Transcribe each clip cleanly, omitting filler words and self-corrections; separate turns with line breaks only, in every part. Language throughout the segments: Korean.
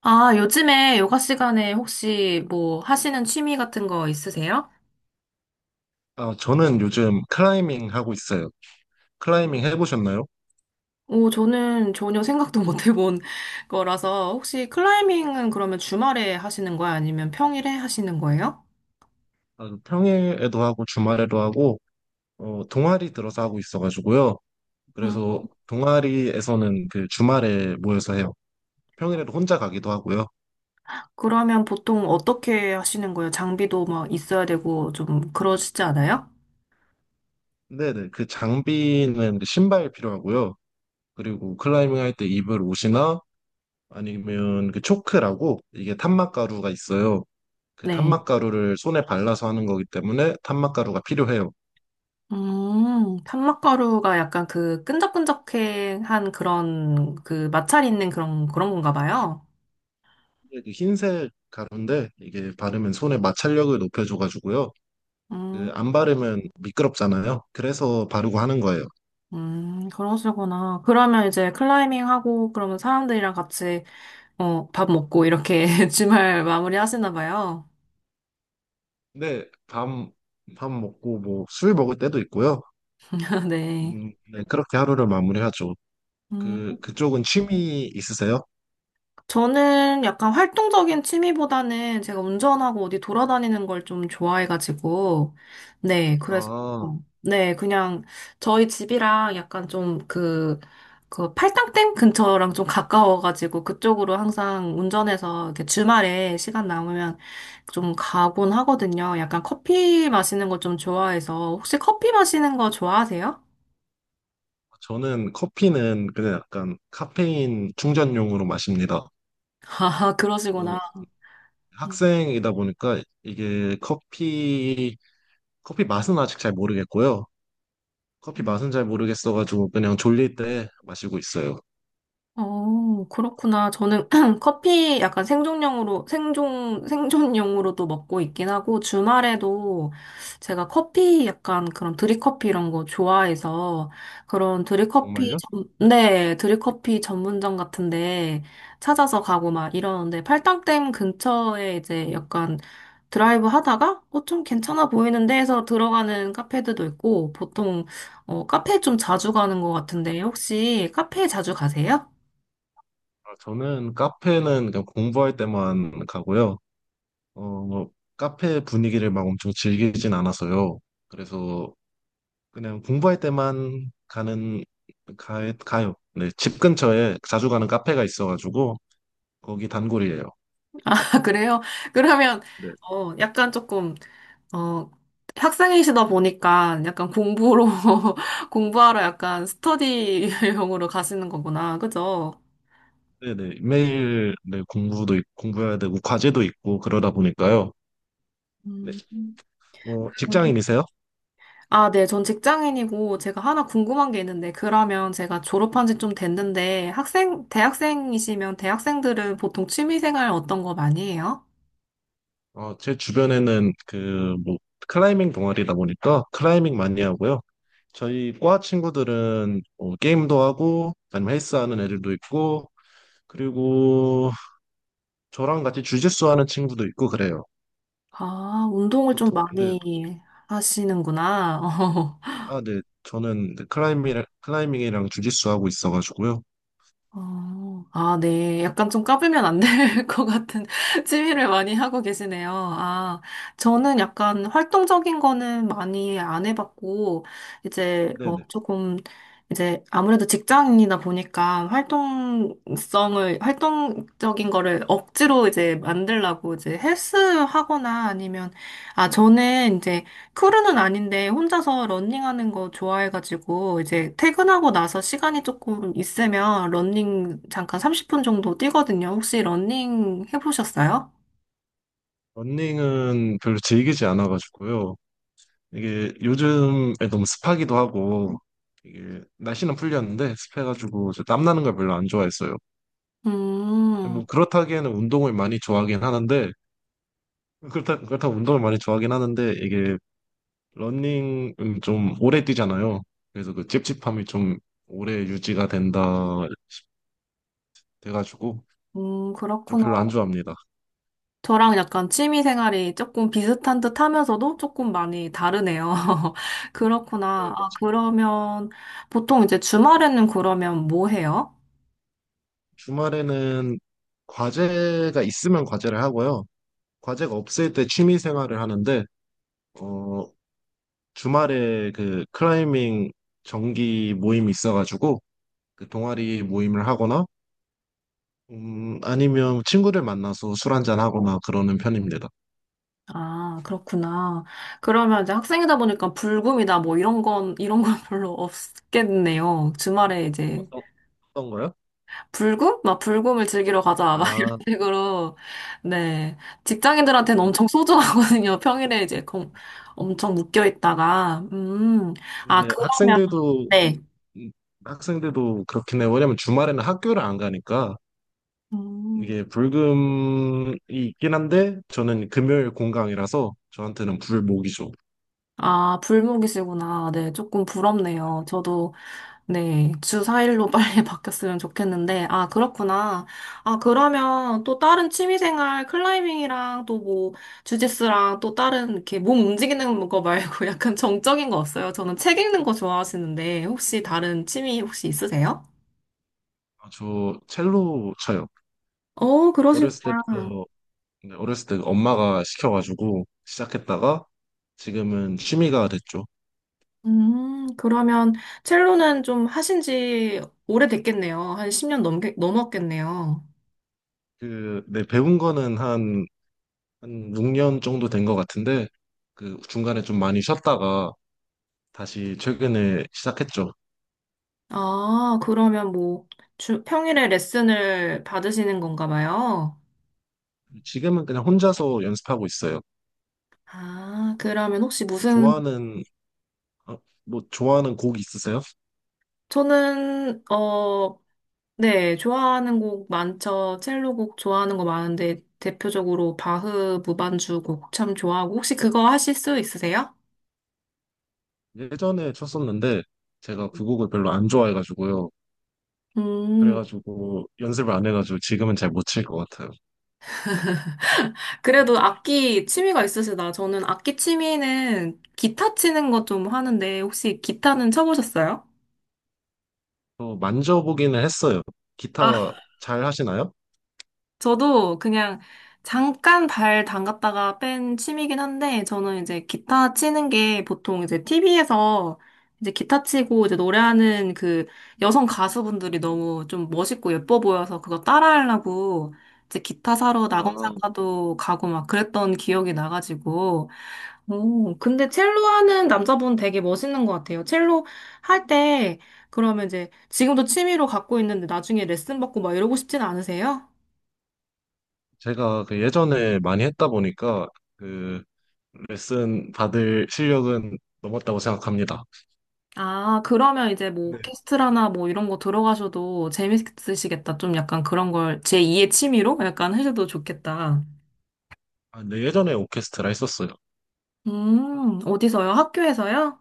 아, 요즘에 요가 시간에 혹시 뭐 하시는 취미 같은 거 있으세요?
아, 저는 요즘 클라이밍 하고 있어요. 클라이밍 해보셨나요?
오, 저는 전혀 생각도 못 해본 거라서 혹시 클라이밍은 그러면 주말에 하시는 거예요? 아니면 평일에 하시는 거예요?
아, 평일에도 하고 주말에도 하고 동아리 들어서 하고 있어가지고요.
음,
그래서 동아리에서는 그 주말에 모여서 해요. 평일에도 혼자 가기도 하고요.
그러면 보통 어떻게 하시는 거예요? 장비도 막 있어야 되고 좀 그러시지 않아요?
네네, 그 장비는 그 신발 필요하고요. 그리고 클라이밍 할 때 입을 옷이나 아니면 그 초크라고 이게 탄막가루가 있어요. 그
네.
탄막가루를 손에 발라서 하는 거기 때문에 탄막가루가 필요해요.
탄막가루가 약간 그 끈적끈적한 그런 그 마찰 있는 그런 그런 건가 봐요.
그 흰색 가루인데 이게 바르면 손의 마찰력을 높여줘가지고요.
음.
그 안 바르면 미끄럽잖아요. 그래서 바르고 하는 거예요.
그러시구나. 그러면 이제 클라이밍 하고, 그러면 사람들이랑 같이, 어, 밥 먹고, 이렇게 주말 마무리 하시나 봐요.
근데 밤, 밥 먹고 뭐 술 먹을 때도 있고요.
네.
음, 네, 그렇게 하루를 마무리하죠.
음.
그, 그쪽은 취미 있으세요?
저는 약간 활동적인 취미보다는 제가 운전하고 어디 돌아다니는 걸 좀 좋아해가지고, 네, 그래서,
아,
네, 그냥 저희 집이랑 약간 좀 그, 그 팔당댐 근처랑 좀 가까워가지고 그쪽으로 항상 운전해서 이렇게 주말에 시간 남으면 좀 가곤 하거든요. 약간 커피 마시는 거 좀 좋아해서, 혹시 커피 마시는 거 좋아하세요?
저는 커피는 그냥 약간 카페인 충전용으로 마십니다.
아,
어,
그러시구나.
학생이다 보니까 이게 커피, 커피 맛은 아직 잘 모르겠고요. 커피 맛은 잘 모르겠어가지고 그냥 졸릴 때 마시고 있어요.
어, 그렇구나. 저는 커피 약간 생존용으로, 생존용으로도 먹고 있긴 하고, 주말에도 제가 커피 약간 그런 드립커피 이런 거 좋아해서, 그런
정말요?
네, 드립커피 전문점 같은데 찾아서 가고 막 이러는데, 팔당댐 근처에 이제 약간 드라이브 하다가, 어, 좀 괜찮아 보이는데 해서 들어가는 카페들도 있고, 보통, 어, 카페 좀 자주 가는 것 같은데, 혹시 카페 자주 가세요?
아, 저는 카페는 그냥 공부할 때만 가고요. 어, 뭐, 카페 분위기를 막 엄청 즐기진 않아서요. 그래서 그냥 공부할 때만 가는 가, 가요. 네, 집 근처에 자주 가는 카페가 있어가지고 거기 단골이에요.
아, 그래요? 그러면,
네,
어, 약간 조금, 어, 학생이시다 보니까 약간 공부로, 공부하러 약간 스터디용으로 가시는 거구나. 그죠?
네, 네. 매일 네, 공부도 있- 공부해야 되고 과제도 있고 그러다 보니까요. 네,
음.
뭐 직장인이세요?
아, 네. 전 직장인이고 제가 하나 궁금한 게 있는데, 그러면 제가 졸업한 지 좀 됐는데, 대학생이시면 대학생들은 보통 취미생활 어떤 거 많이 해요?
어, 제 주변에는 그, 뭐, 클라이밍 동아리다 보니까 클라이밍 많이 하고요. 저희 과 친구들은 뭐 게임도 하고, 아니면 헬스 하는 애들도 있고, 그리고 저랑 같이 주짓수 하는 친구도 있고 그래요.
아, 운동을 좀
보통, 근데,
많이 하시는구나.
아, 네. 저는 클라이밍, 클라이밍이랑 주짓수 하고 있어가지고요.
어, 아, 네. 약간 좀 까불면 안 될 것 같은 취미를 많이 하고 계시네요. 아, 저는 약간 활동적인 거는 많이 안 해봤고, 이제 뭐
네네.
조금, 이제 아무래도 직장인이다 보니까 활동적인 거를 억지로 이제 만들려고 이제 헬스 하거나 아니면, 아, 저는 이제 크루는 아닌데 혼자서 러닝하는 거 좋아해가지고 이제 퇴근하고 나서 시간이 조금 있으면 러닝 잠깐 30분 정도 뛰거든요. 혹시 러닝 해보셨어요?
러닝은 별로 즐기지 않아가지고요. 이게 요즘에 너무 습하기도 하고, 이게 날씨는 풀렸는데 습해가지고 저 땀나는 걸 별로 안 좋아했어요.
음,
뭐 그렇다기에는 운동을 많이 좋아하긴 하는데 그렇다고 운동을 많이 좋아하긴 하는데 이게 러닝은 좀 오래 뛰잖아요. 그래서 그 찝찝함이 좀 오래 유지가 된다 돼가지고 좀
그렇구나.
별로 안 좋아합니다.
저랑 약간 취미 생활이 조금 비슷한 듯 하면서도 조금 많이 다르네요.
네,
그렇구나. 아,
맞아요.
그러면 보통 이제 주말에는 그러면 뭐 해요?
주말에는 과제가 있으면 과제를 하고요. 과제가 없을 때 취미 생활을 하는데 어 주말에 그 클라이밍 정기 모임이 있어가지고 그 동아리 모임을 하거나 아니면 친구를 만나서 술 한잔 하거나 그러는 편입니다.
아, 그렇구나. 그러면 이제 학생이다 보니까 불금이다 뭐 이런 건 별로 없겠네요. 주말에 이제
어떤, 어떤 거요?
불금? 막 불금을 즐기러 가자. 막 이런
아,
식으로. 네. 직장인들한테는
근데,
엄청 소중하거든요. 평일에 이제 엄청 묶여 있다가. 음. 아,
근데
그러면,
학생들도,
네.
음, 학생들도 그렇긴 해요. 왜냐면 주말에는 학교를 안 가니까
음.
이게 불금이 있긴 한데 저는 금요일 공강이라서 저한테는 불목이죠.
아, 불목이시구나. 네, 조금 부럽네요. 저도, 네, 주 4일로 빨리 바뀌었으면 좋겠는데, 아, 그렇구나. 아, 그러면 또 다른 취미생활, 클라이밍이랑 또 뭐, 주짓수랑 또 다른 이렇게 몸 움직이는 거 말고 약간 정적인 거 없어요? 저는 책 읽는 거 좋아하시는데, 혹시 다른 취미 혹시 있으세요?
아, 저 첼로 쳐요.
어, 그러시구나.
어렸을 때부터, 네, 어렸을 때 엄마가 시켜가지고 시작했다가 지금은 취미가 됐죠.
그러면 첼로는 좀 하신 지 오래됐겠네요. 한 10년 넘었겠네요.
그, 네, 배운 거는 한 6년 정도 된 것 같은데 그 중간에 좀 많이 쉬었다가 다시 최근에 시작했죠.
아, 그러면 뭐, 평일에 레슨을 받으시는 건가 봐요?
지금은 그냥 혼자서 연습하고 있어요.
아, 그러면 혹시 무슨,
좋아하는 어, 뭐 좋아하는 곡 있으세요?
저는, 어, 네, 좋아하는 곡 많죠. 첼로 곡 좋아하는 거 많은데, 대표적으로 바흐 무반주 곡 참 좋아하고, 혹시 그거 하실 수 있으세요?
예전에 쳤었는데 제가 그 곡을 별로 안 좋아해가지고요.
음,
그래가지고 연습을 안 해가지고 지금은 잘 못 칠 것 같아요. 음,
그래도 악기 취미가 있으시다. 저는 악기 취미는 기타 치는 거 좀 하는데, 혹시 기타는 쳐보셨어요?
또 만져보기는 했어요. 기타 잘 하시나요?
저도 그냥 잠깐 발 담갔다가 뺀 취미긴 한데, 저는 이제 기타 치는 게 보통 이제 TV에서 이제 기타 치고 이제 노래하는 그 여성 가수분들이 너무 좀 멋있고 예뻐 보여서 그거 따라하려고 이제 기타 사러
아,
낙원상가도 가고 막 그랬던 기억이 나가지고, 오, 근데 첼로 하는 남자분 되게 멋있는 것 같아요. 첼로 할 때, 그러면 이제 지금도 취미로 갖고 있는데 나중에 레슨 받고 막 이러고 싶진 않으세요?
제가 그 예전에 많이 했다 보니까 그 레슨 받을 실력은 넘었다고 생각합니다.
아, 그러면 이제 뭐
네.
오케스트라나 뭐 이런 거 들어가셔도 재밌으시겠다. 좀 약간 그런 걸 제2의 취미로 약간 하셔도 좋겠다.
아, 네, 예전에 오케스트라 했었어요.
어디서요? 학교에서요?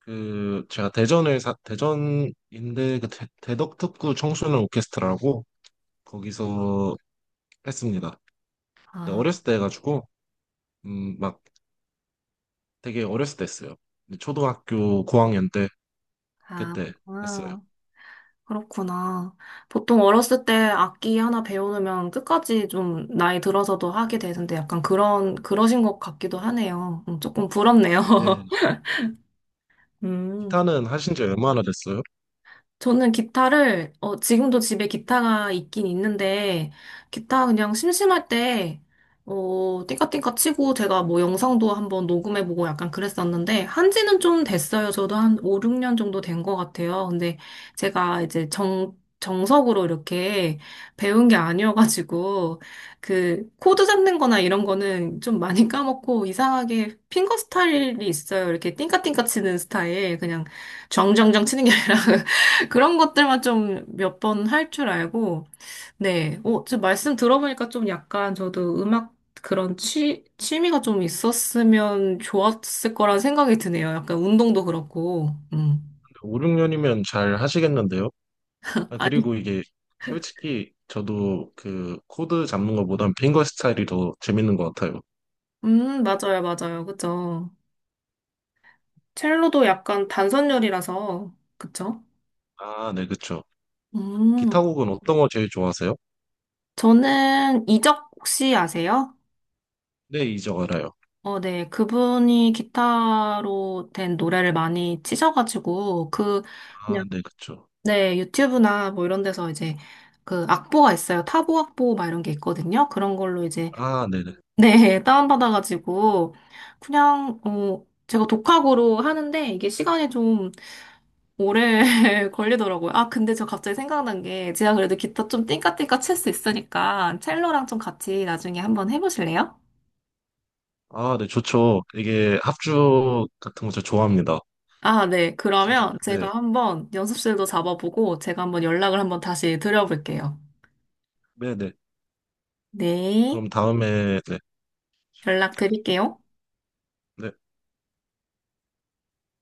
그 제가 대전에 사, 대전인데 그 대, 대덕특구 청소년 오케스트라라고 거기서 했습니다. 근데
아,
어렸을 때 해가지고 막 되게 어렸을 때 했어요. 근데 초등학교 고학년 때
아,
그때 했어요.
아, 그렇구나. 보통 어렸을 때 악기 하나 배우면 끝까지 좀 나이 들어서도 하게 되는데 약간 그러신 것 같기도 하네요. 조금 부럽네요.
근데
음.
기타는 하신 지 얼마나 됐어요?
저는 기타를, 어, 지금도 집에 기타가 있긴 있는데, 기타 그냥 심심할 때, 어, 띵까띵까 치고 제가 뭐 영상도 한번 녹음해보고 약간 그랬었는데, 한지는 좀 됐어요. 저도 한 5, 6년 정도 된 것 같아요. 근데 제가 이제 정석으로 이렇게 배운 게 아니어가지고, 그, 코드 잡는 거나 이런 거는 좀 많이 까먹고, 이상하게 핑거 스타일이 있어요. 이렇게 띵까띵까 치는 스타일. 그냥 정정정 치는 게 아니라. 그런 것들만 좀 몇 번 할 줄 알고, 네. 어, 지금 말씀 들어보니까 좀 약간 저도 음악 그런 취미가 좀 있었으면 좋았을 거란 생각이 드네요. 약간 운동도 그렇고,
5, 6년이면 잘 하시겠는데요? 아,
아니,
그리고 이게 솔직히 저도 그 코드 잡는 것보단 핑거 스타일이 더 재밌는 것 같아요.
맞아요, 맞아요. 그죠. 첼로도 약간 단선열이라서, 그쵸?
아, 네, 그쵸.
음,
기타 곡은 어떤 거 제일 좋아하세요?
저는 이적 혹시 아세요?
네, 이적 알아요.
어, 네. 그분이 기타로 된 노래를 많이 치셔가지고, 그,
아, 네, 그쵸.
네, 유튜브나 뭐 이런 데서 이제 그 악보가 있어요. 타보 악보 막 이런 게 있거든요. 그런 걸로 이제,
아, 네네.
네, 다운받아가지고 그냥, 어, 제가 독학으로 하는데 이게 시간이 좀 오래 걸리더라고요. 아, 근데 저 갑자기 생각난 게 제가 그래도 기타 좀 띵까띵까 칠 수 있으니까 첼로랑 좀 같이 나중에 한번 해보실래요?
아, 네, 좋죠. 이게 합주 같은 거 저 좋아합니다.
아, 네.
진짜.
그러면
네,
제가 한번 연습실도 잡아보고 제가 한번 연락을 한번 다시 드려볼게요.
네네.
네.
그럼 다음에, 네.
연락 드릴게요.
네.